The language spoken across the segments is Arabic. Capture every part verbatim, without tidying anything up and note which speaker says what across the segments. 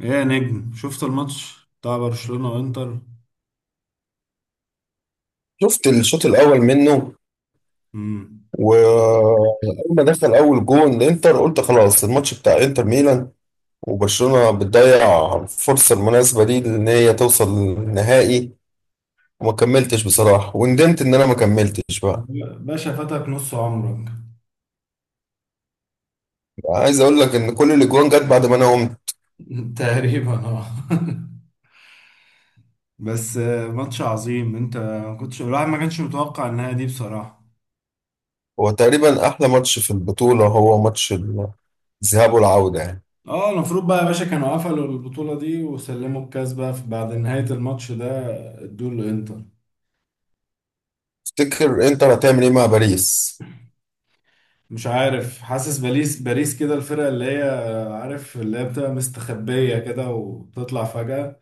Speaker 1: ايه يا نجم، شفت الماتش بتاع برشلونة وانتر؟
Speaker 2: شفت الشوط الاول منه.
Speaker 1: امم.
Speaker 2: واول ما دخل اول جون الانتر قلت خلاص الماتش بتاع انتر ميلان، وبرشلونة بتضيع الفرصة المناسبة دي ان هي توصل للنهائي. وما كملتش بصراحة، وندمت ان انا ما كملتش بقى
Speaker 1: باشا، فاتك نص عمرك.
Speaker 2: عايز اقول لك ان كل الاجوان جت بعد ما انا قمت.
Speaker 1: تقريبا، اه. بس، آه، ماتش عظيم. انت ما كنتش الواحد ما كانش متوقع النهاية دي بصراحة.
Speaker 2: هو تقريبا احلى ماتش في البطولة، هو ماتش الذهاب والعودة يعني.
Speaker 1: اه، المفروض بقى يا باشا كانوا قفلوا البطولة دي وسلموا الكاس بقى في- بعد نهاية الماتش ده، ادوه لانتر.
Speaker 2: تفتكر انتر هتعمل ايه مع باريس؟
Speaker 1: مش عارف، حاسس باريس، باريس كده الفرقة اللي هي... عارف اللي هي بتبقى مستخبية كده وتطلع فجأة.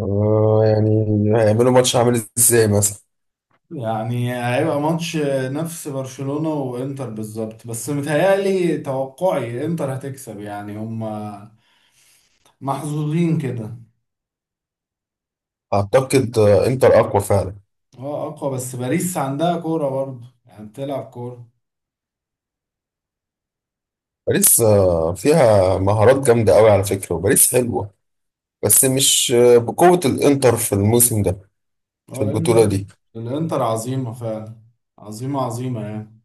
Speaker 2: آه، يعني هيعملوا ماتش عامل ازاي مثلا؟
Speaker 1: يعني هيبقى ماتش نفس برشلونة وانتر بالظبط، بس متهيألي توقعي انتر هتكسب، يعني هم محظوظين كده.
Speaker 2: اعتقد آه، انتر اقوى فعلا.
Speaker 1: اه، اقوى، بس باريس عندها كورة برضه، يعني بتلعب كورة.
Speaker 2: باريس آه، فيها مهارات جامدة قوي على فكرة، وباريس حلوة، بس مش آه، بقوة الإنتر في الموسم ده، في
Speaker 1: اه،
Speaker 2: البطولة
Speaker 1: الانتر
Speaker 2: دي.
Speaker 1: الانتر عظيمة فعلا. عظيمة عظيمة يعني.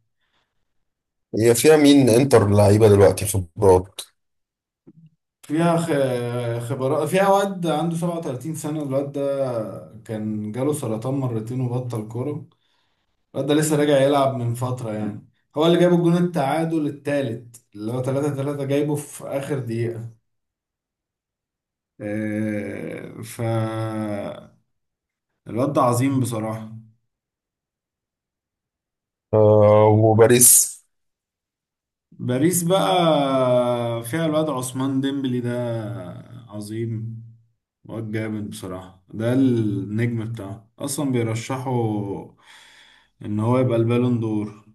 Speaker 2: هي فيها مين إنتر لعيبة دلوقتي؟ خبرات.
Speaker 1: فيها خ- خبرات، فيها واد عنده سبعة وتلاتين سنة. الواد ده كان جاله سرطان مرتين، وبطل كورة. الواد ده لسه راجع يلعب من فترة يعني. هو اللي جاب الجون التعادل التالت، اللي هو تلاتة تلاتة، جايبه في آخر دقيقة. آه، ف الواد ده عظيم بصراحة.
Speaker 2: آه، وباريس
Speaker 1: باريس بقى فيها الواد عثمان ديمبلي ده. عظيم. واد جامد بصراحة، ده النجم بتاعه أصلا، بيرشحوا إن هو يبقى البالون دور.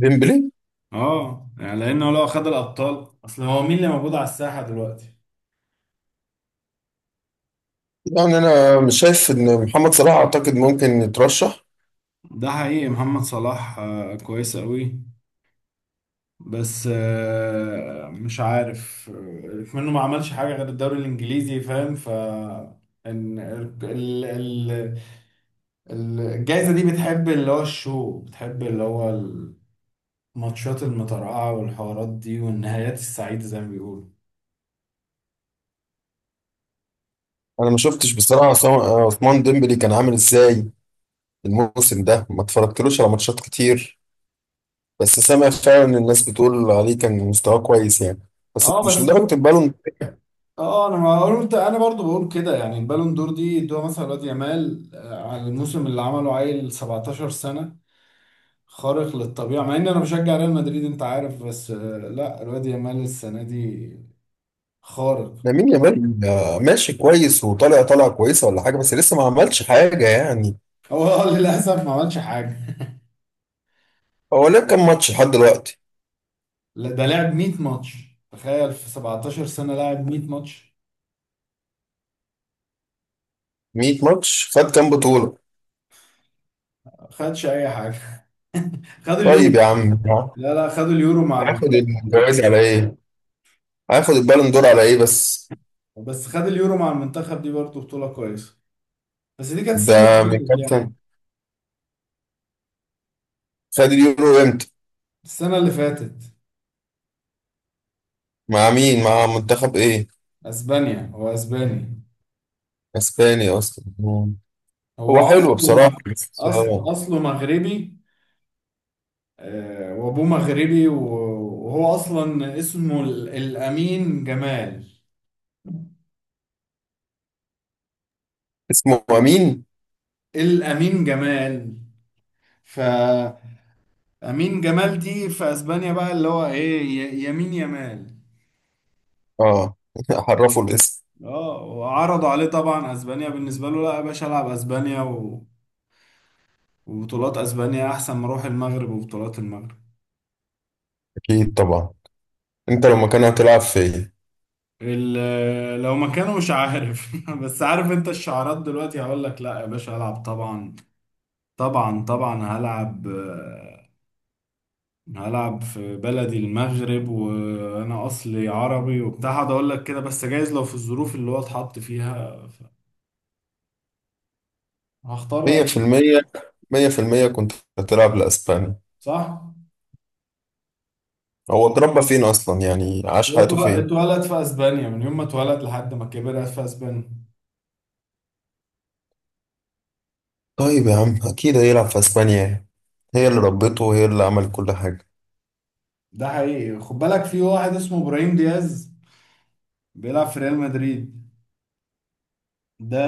Speaker 2: ديمبلي
Speaker 1: اه يعني، لأنه لو خد الأبطال، أصل هو مين اللي موجود على الساحة دلوقتي؟
Speaker 2: يعني. أنا مش شايف إن محمد صلاح أعتقد ممكن يترشح.
Speaker 1: ده حقيقي، محمد صلاح آه، كويس قوي، بس آه، مش عارف، آه، منه ما عملش حاجة غير الدوري الإنجليزي، فاهم؟ ف إن ال- ال- ال- الجايزة دي بتحب اللي هو الشو، بتحب اللي هو الماتشات المترقعة والحوارات دي والنهايات السعيدة، زي ما بيقولوا.
Speaker 2: أنا ما شفتش بصراحة عصام- آه، عثمان ديمبلي كان عامل إزاي الموسم ده، ما اتفرجتلوش على ماتشات كتير، بس سامع فعلا إن الناس بتقول عليه كان مستواه كويس يعني، بس
Speaker 1: اه
Speaker 2: مش
Speaker 1: بس،
Speaker 2: لدرجة البالون.
Speaker 1: اه انا ما قلت، انا برضو بقول كده يعني. البالون دور دي ادوها مثلا لواد يامال آه، على الموسم اللي عمله، عيل سبعتاشر سنة، خارق للطبيعة، مع ان انا بشجع ريال مدريد انت عارف، بس آه، لا، الواد يامال السنة دي خارق.
Speaker 2: لامين يامال آه، ماشي كويس، وطالع طالعه كويسه ولا حاجه، بس لسه ما عملش حاجه يعني.
Speaker 1: هو للاسف ما عملش حاجة.
Speaker 2: هو لعب كام ماتش لحد دلوقتي؟
Speaker 1: لا، ده لعب مية ماتش. تخيل، في سبعتاشر سنة لعب مية ماتش.
Speaker 2: مية ماتش خد كام بطوله؟
Speaker 1: خدش اي حاجة. خد اليورو.
Speaker 2: طيب يا عم.
Speaker 1: لا لا، خد اليورو مع
Speaker 2: هياخد
Speaker 1: المنتخب.
Speaker 2: الجوائز على ايه؟ هياخد البالون دور على ايه بس؟
Speaker 1: بس خد اليورو مع المنتخب، دي برضه بطولة كويسة، بس دي كانت السنة اللي
Speaker 2: ده من
Speaker 1: فاتت
Speaker 2: كام
Speaker 1: يعني.
Speaker 2: سنه؟ خد اليورو امتى؟
Speaker 1: السنة اللي فاتت.
Speaker 2: مع مين، مع منتخب ايه؟
Speaker 1: اسبانيا، هو اسباني.
Speaker 2: اسباني اصلا. مم.
Speaker 1: هو
Speaker 2: هو حلو
Speaker 1: اصله
Speaker 2: بصراحه،
Speaker 1: مغ-
Speaker 2: بس
Speaker 1: اصل
Speaker 2: آه،
Speaker 1: اصله مغربي. آه، وابوه مغربي، و- وهو اصلا اسمه ال- الامين جمال.
Speaker 2: اسمه امين.
Speaker 1: الامين جمال، فامين جمال دي في اسبانيا بقى اللي هو ايه، ي- يمين يمال.
Speaker 2: اه عرفوا الاسم.
Speaker 1: اه، وعرضوا عليه طبعا اسبانيا. بالنسبه له، لا يا باشا، العب اسبانيا و... وبطولات اسبانيا احسن ما اروح المغرب وبطولات المغرب.
Speaker 2: اكيد طبعا. انت لو مكانه هتلعب فين؟
Speaker 1: ال- لو مكانه مش عارف. بس عارف انت الشعارات دلوقتي، هقول لك لا يا باشا هلعب، طبعا طبعا طبعا هلعب، آه، هلعب في بلدي المغرب، وانا اصلي عربي وبتاع، هقعد اقول لك كده. بس جايز لو في الظروف اللي هو اتحط فيها ف- هختار
Speaker 2: مية في
Speaker 1: أس-
Speaker 2: المية، مية في المية كنت هتلعب لأسبانيا.
Speaker 1: صح.
Speaker 2: هو اتربى فين أصلا يعني، عاش
Speaker 1: هو
Speaker 2: حياته
Speaker 1: اتول-
Speaker 2: فين؟
Speaker 1: اتولد في اسبانيا، من يوم ما اتولد لحد ما كبر قاعد في اسبانيا.
Speaker 2: طيب يا عم أكيد هيلعب في أسبانيا يعني. هي اللي ربته، وهي اللي عملت كل حاجة.
Speaker 1: ده حقيقي، خد بالك في واحد اسمه ابراهيم دياز، بيلعب في ريال مدريد. ده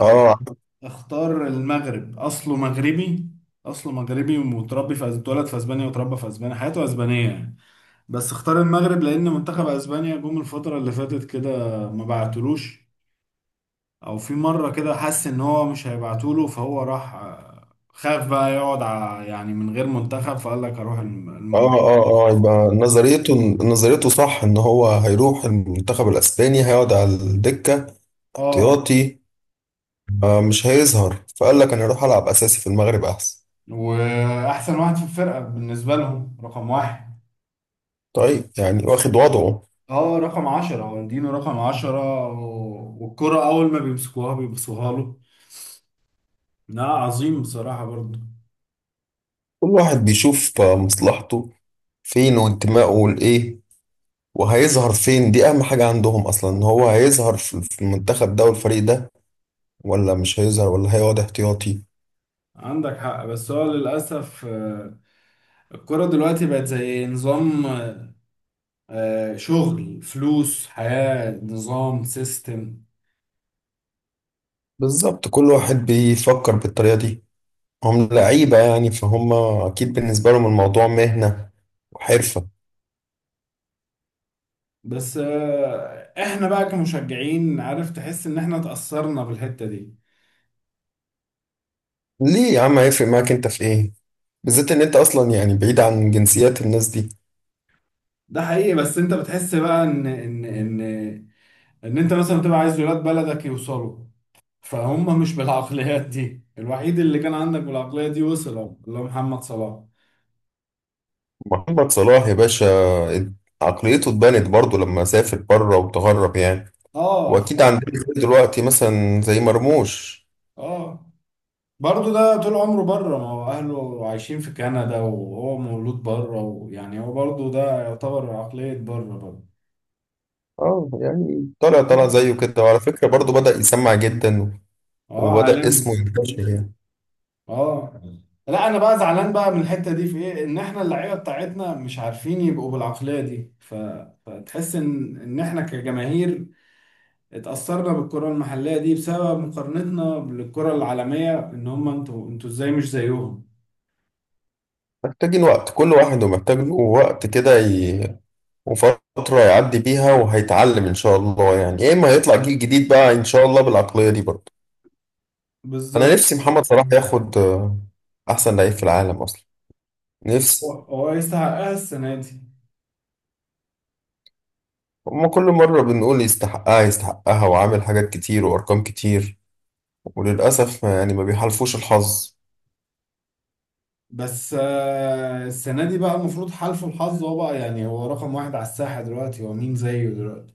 Speaker 2: اه
Speaker 1: اختار المغرب. اصله مغربي، اصله مغربي ومتربي في أس- اتولد في اسبانيا وتربى في اسبانيا، حياته اسبانية يعني. بس اختار المغرب، لان منتخب اسبانيا جم الفتره اللي فاتت كده ما بعتلوش، او في مره كده حس ان هو مش هيبعتوله، فهو راح آه، خاف بقى يقعد ع- يعني من غير منتخب، فقال لك اروح الم-
Speaker 2: اه
Speaker 1: المغرب.
Speaker 2: اه اه. يبقى نظريته، نظريته صح ان هو هيروح المنتخب الاسباني هيقعد على الدكة
Speaker 1: اه،
Speaker 2: احتياطي، آه مش هيظهر، فقال لك انا هروح العب اساسي في المغرب احسن.
Speaker 1: واحسن واحد في الفرقه بالنسبه لهم، رقم واحد.
Speaker 2: طيب يعني واخد وضعه.
Speaker 1: اه، رقم عشرة والدينو، رقم عشرة، و- والكرة أول ما بيمسكوها بيبصوها له. لا، عظيم بصراحة برضه.
Speaker 2: كل واحد بيشوف آه، مصلحته فين، وانتمائه لايه، وهيظهر فين. دي اهم حاجة عندهم اصلا، ان هو هيظهر في في المنتخب ده والفريق ده، ولا مش هيظهر ولا هيقعد احتياطي.
Speaker 1: عندك حق، بس هو للأسف آه، الكرة دلوقتي بقت زي نظام، آه، شغل فلوس، حياة، نظام، سيستم.
Speaker 2: بالظبط كل واحد بيفكر بالطريقة دي. هم لعيبة يعني، فهم اكيد بالنسبة لهم الموضوع مهنة وحرفة.
Speaker 1: بس آه، احنا بقى كمشجعين، عارف، تحس ان احنا اتأثرنا بالحتة دي.
Speaker 2: ليه يا عم هيفرق معاك انت في ايه؟ بالذات ان انت اصلا يعني بعيد عن جنسيات الناس دي.
Speaker 1: ده حقيقي، بس انت بتحس بقى ان ان ان ان انت مثلا بتبقى عايز ولاد بلدك يوصلوا. فهم مش بالعقليات دي. الوحيد اللي كان عندك بالعقلية دي وصل أهو، اللي هو محمد صلاح.
Speaker 2: محمد صلاح يا باشا عقليته اتبنت برضه لما سافر بره وتغرب يعني.
Speaker 1: اه. ف
Speaker 2: واكيد عندنا دلوقتي مثلا زي مرموش.
Speaker 1: اه، برضه ده طول عمره بره، ما هو اهله عايشين في كندا، وهو مولود بره، ويعني هو برضه ده يعتبر عقلية بره برضه.
Speaker 2: اه، يعني طلع طلع زيه كده، وعلى فكرة برضه بدأ يسمع جدا،
Speaker 1: اه،
Speaker 2: وبدأ
Speaker 1: عالم.
Speaker 2: اسمه ينتشر يعني.
Speaker 1: اه، لا، انا بقى زعلان بقى من الحتة دي في ايه، ان احنا اللعيبة بتاعتنا مش عارفين يبقوا بالعقلية دي، ف... فتحس ان ان احنا كجماهير اتأثرنا بالكرة المحلية دي بسبب مقارنتنا بالكرة العالمية، ان هم انتوا انتوا ازاي مش زيهم.
Speaker 2: محتاجين وقت، كل واحد ومحتاج له وقت كده ي... وفترة يعدي بيها، وهيتعلم إن شاء الله يعني، يا إما هيطلع جيل جديد بقى إن شاء الله بالعقلية دي برضه. أنا
Speaker 1: بالظبط.
Speaker 2: نفسي محمد صلاح ياخد آه، أحسن لعيب في العالم أصلا،
Speaker 1: هو
Speaker 2: نفسي.
Speaker 1: هو يستحقها السنة دي.
Speaker 2: هما كل مرة بنقول يستحقها يستحقها، وعامل حاجات كتير وأرقام كتير، وللأسف يعني ما بيحالفوش الحظ.
Speaker 1: بس آه، السنة دي بقى المفروض حالفه الحظ هو بقى، يعني هو رقم واحد على الساحة دلوقتي، هو مين زيه دلوقتي؟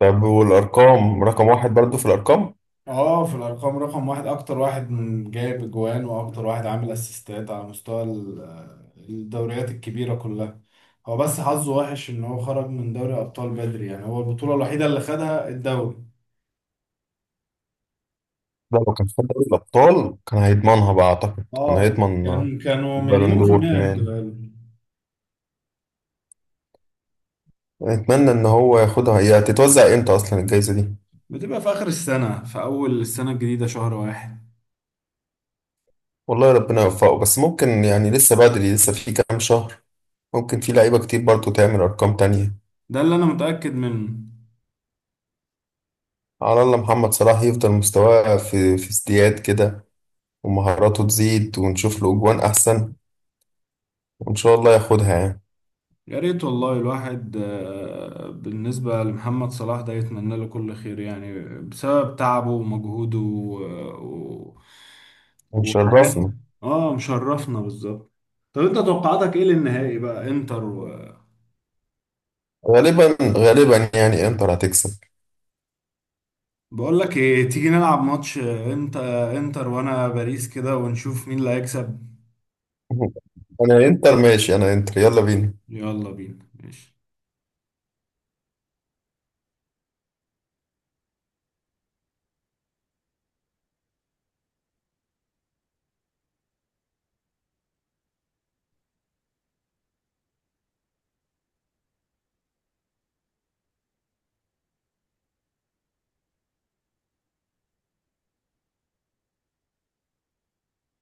Speaker 2: طب والأرقام رقم واحد برضه في الأرقام.
Speaker 1: اه، في الأرقام رقم واحد، أكتر واحد من جايب أجوان وأكتر واحد عامل أسيستات على مستوى ال- آه، الدوريات الكبيرة كلها. هو بس حظه وحش إن هو خرج من دوري أبطال بدري، يعني هو البطولة الوحيدة اللي خدها الدوري.
Speaker 2: لا لو كان في دوري الأبطال كان هيضمنها بقى، أعتقد كان
Speaker 1: اه،
Speaker 2: هيضمن آه،
Speaker 1: كان كانوا
Speaker 2: البالون
Speaker 1: مليون في
Speaker 2: دور
Speaker 1: المية
Speaker 2: كمان.
Speaker 1: هيدوها له.
Speaker 2: أتمنى إن هو ياخدها. هي هتتوزع إمتى أصلا الجايزة دي؟
Speaker 1: بتبقى في آخر السنة، في أول السنة الجديدة، شهر واحد.
Speaker 2: والله ربنا يوفقه، بس ممكن يعني لسه بدري، لسه في كام شهر، ممكن في لعيبة كتير برضه تعمل أرقام تانية.
Speaker 1: ده اللي أنا متأكد منه.
Speaker 2: على الله محمد صلاح يفضل مستواه في في ازدياد كده، ومهاراته تزيد، ونشوف له أجوان أحسن، وإن شاء الله ياخدها يعني،
Speaker 1: يا ريت والله، الواحد آه، بالنسبة لمحمد صلاح ده يتمنى له كل خير يعني، بسبب تعبه ومجهوده و... و... وحاجات.
Speaker 2: ونشرفنا.
Speaker 1: اه، مشرفنا بالظبط. طب، انت توقعاتك ايه للنهائي بقى، انتر و...
Speaker 2: غالبا غالبا يعني إنتر هتكسب.
Speaker 1: بقول لك ايه، تيجي نلعب ماتش، انت انتر وانا باريس كده، ونشوف مين اللي هيكسب.
Speaker 2: أنا إنتر ماشي، أنا إنتر، يلا بينا.
Speaker 1: يلا بينا ماشي.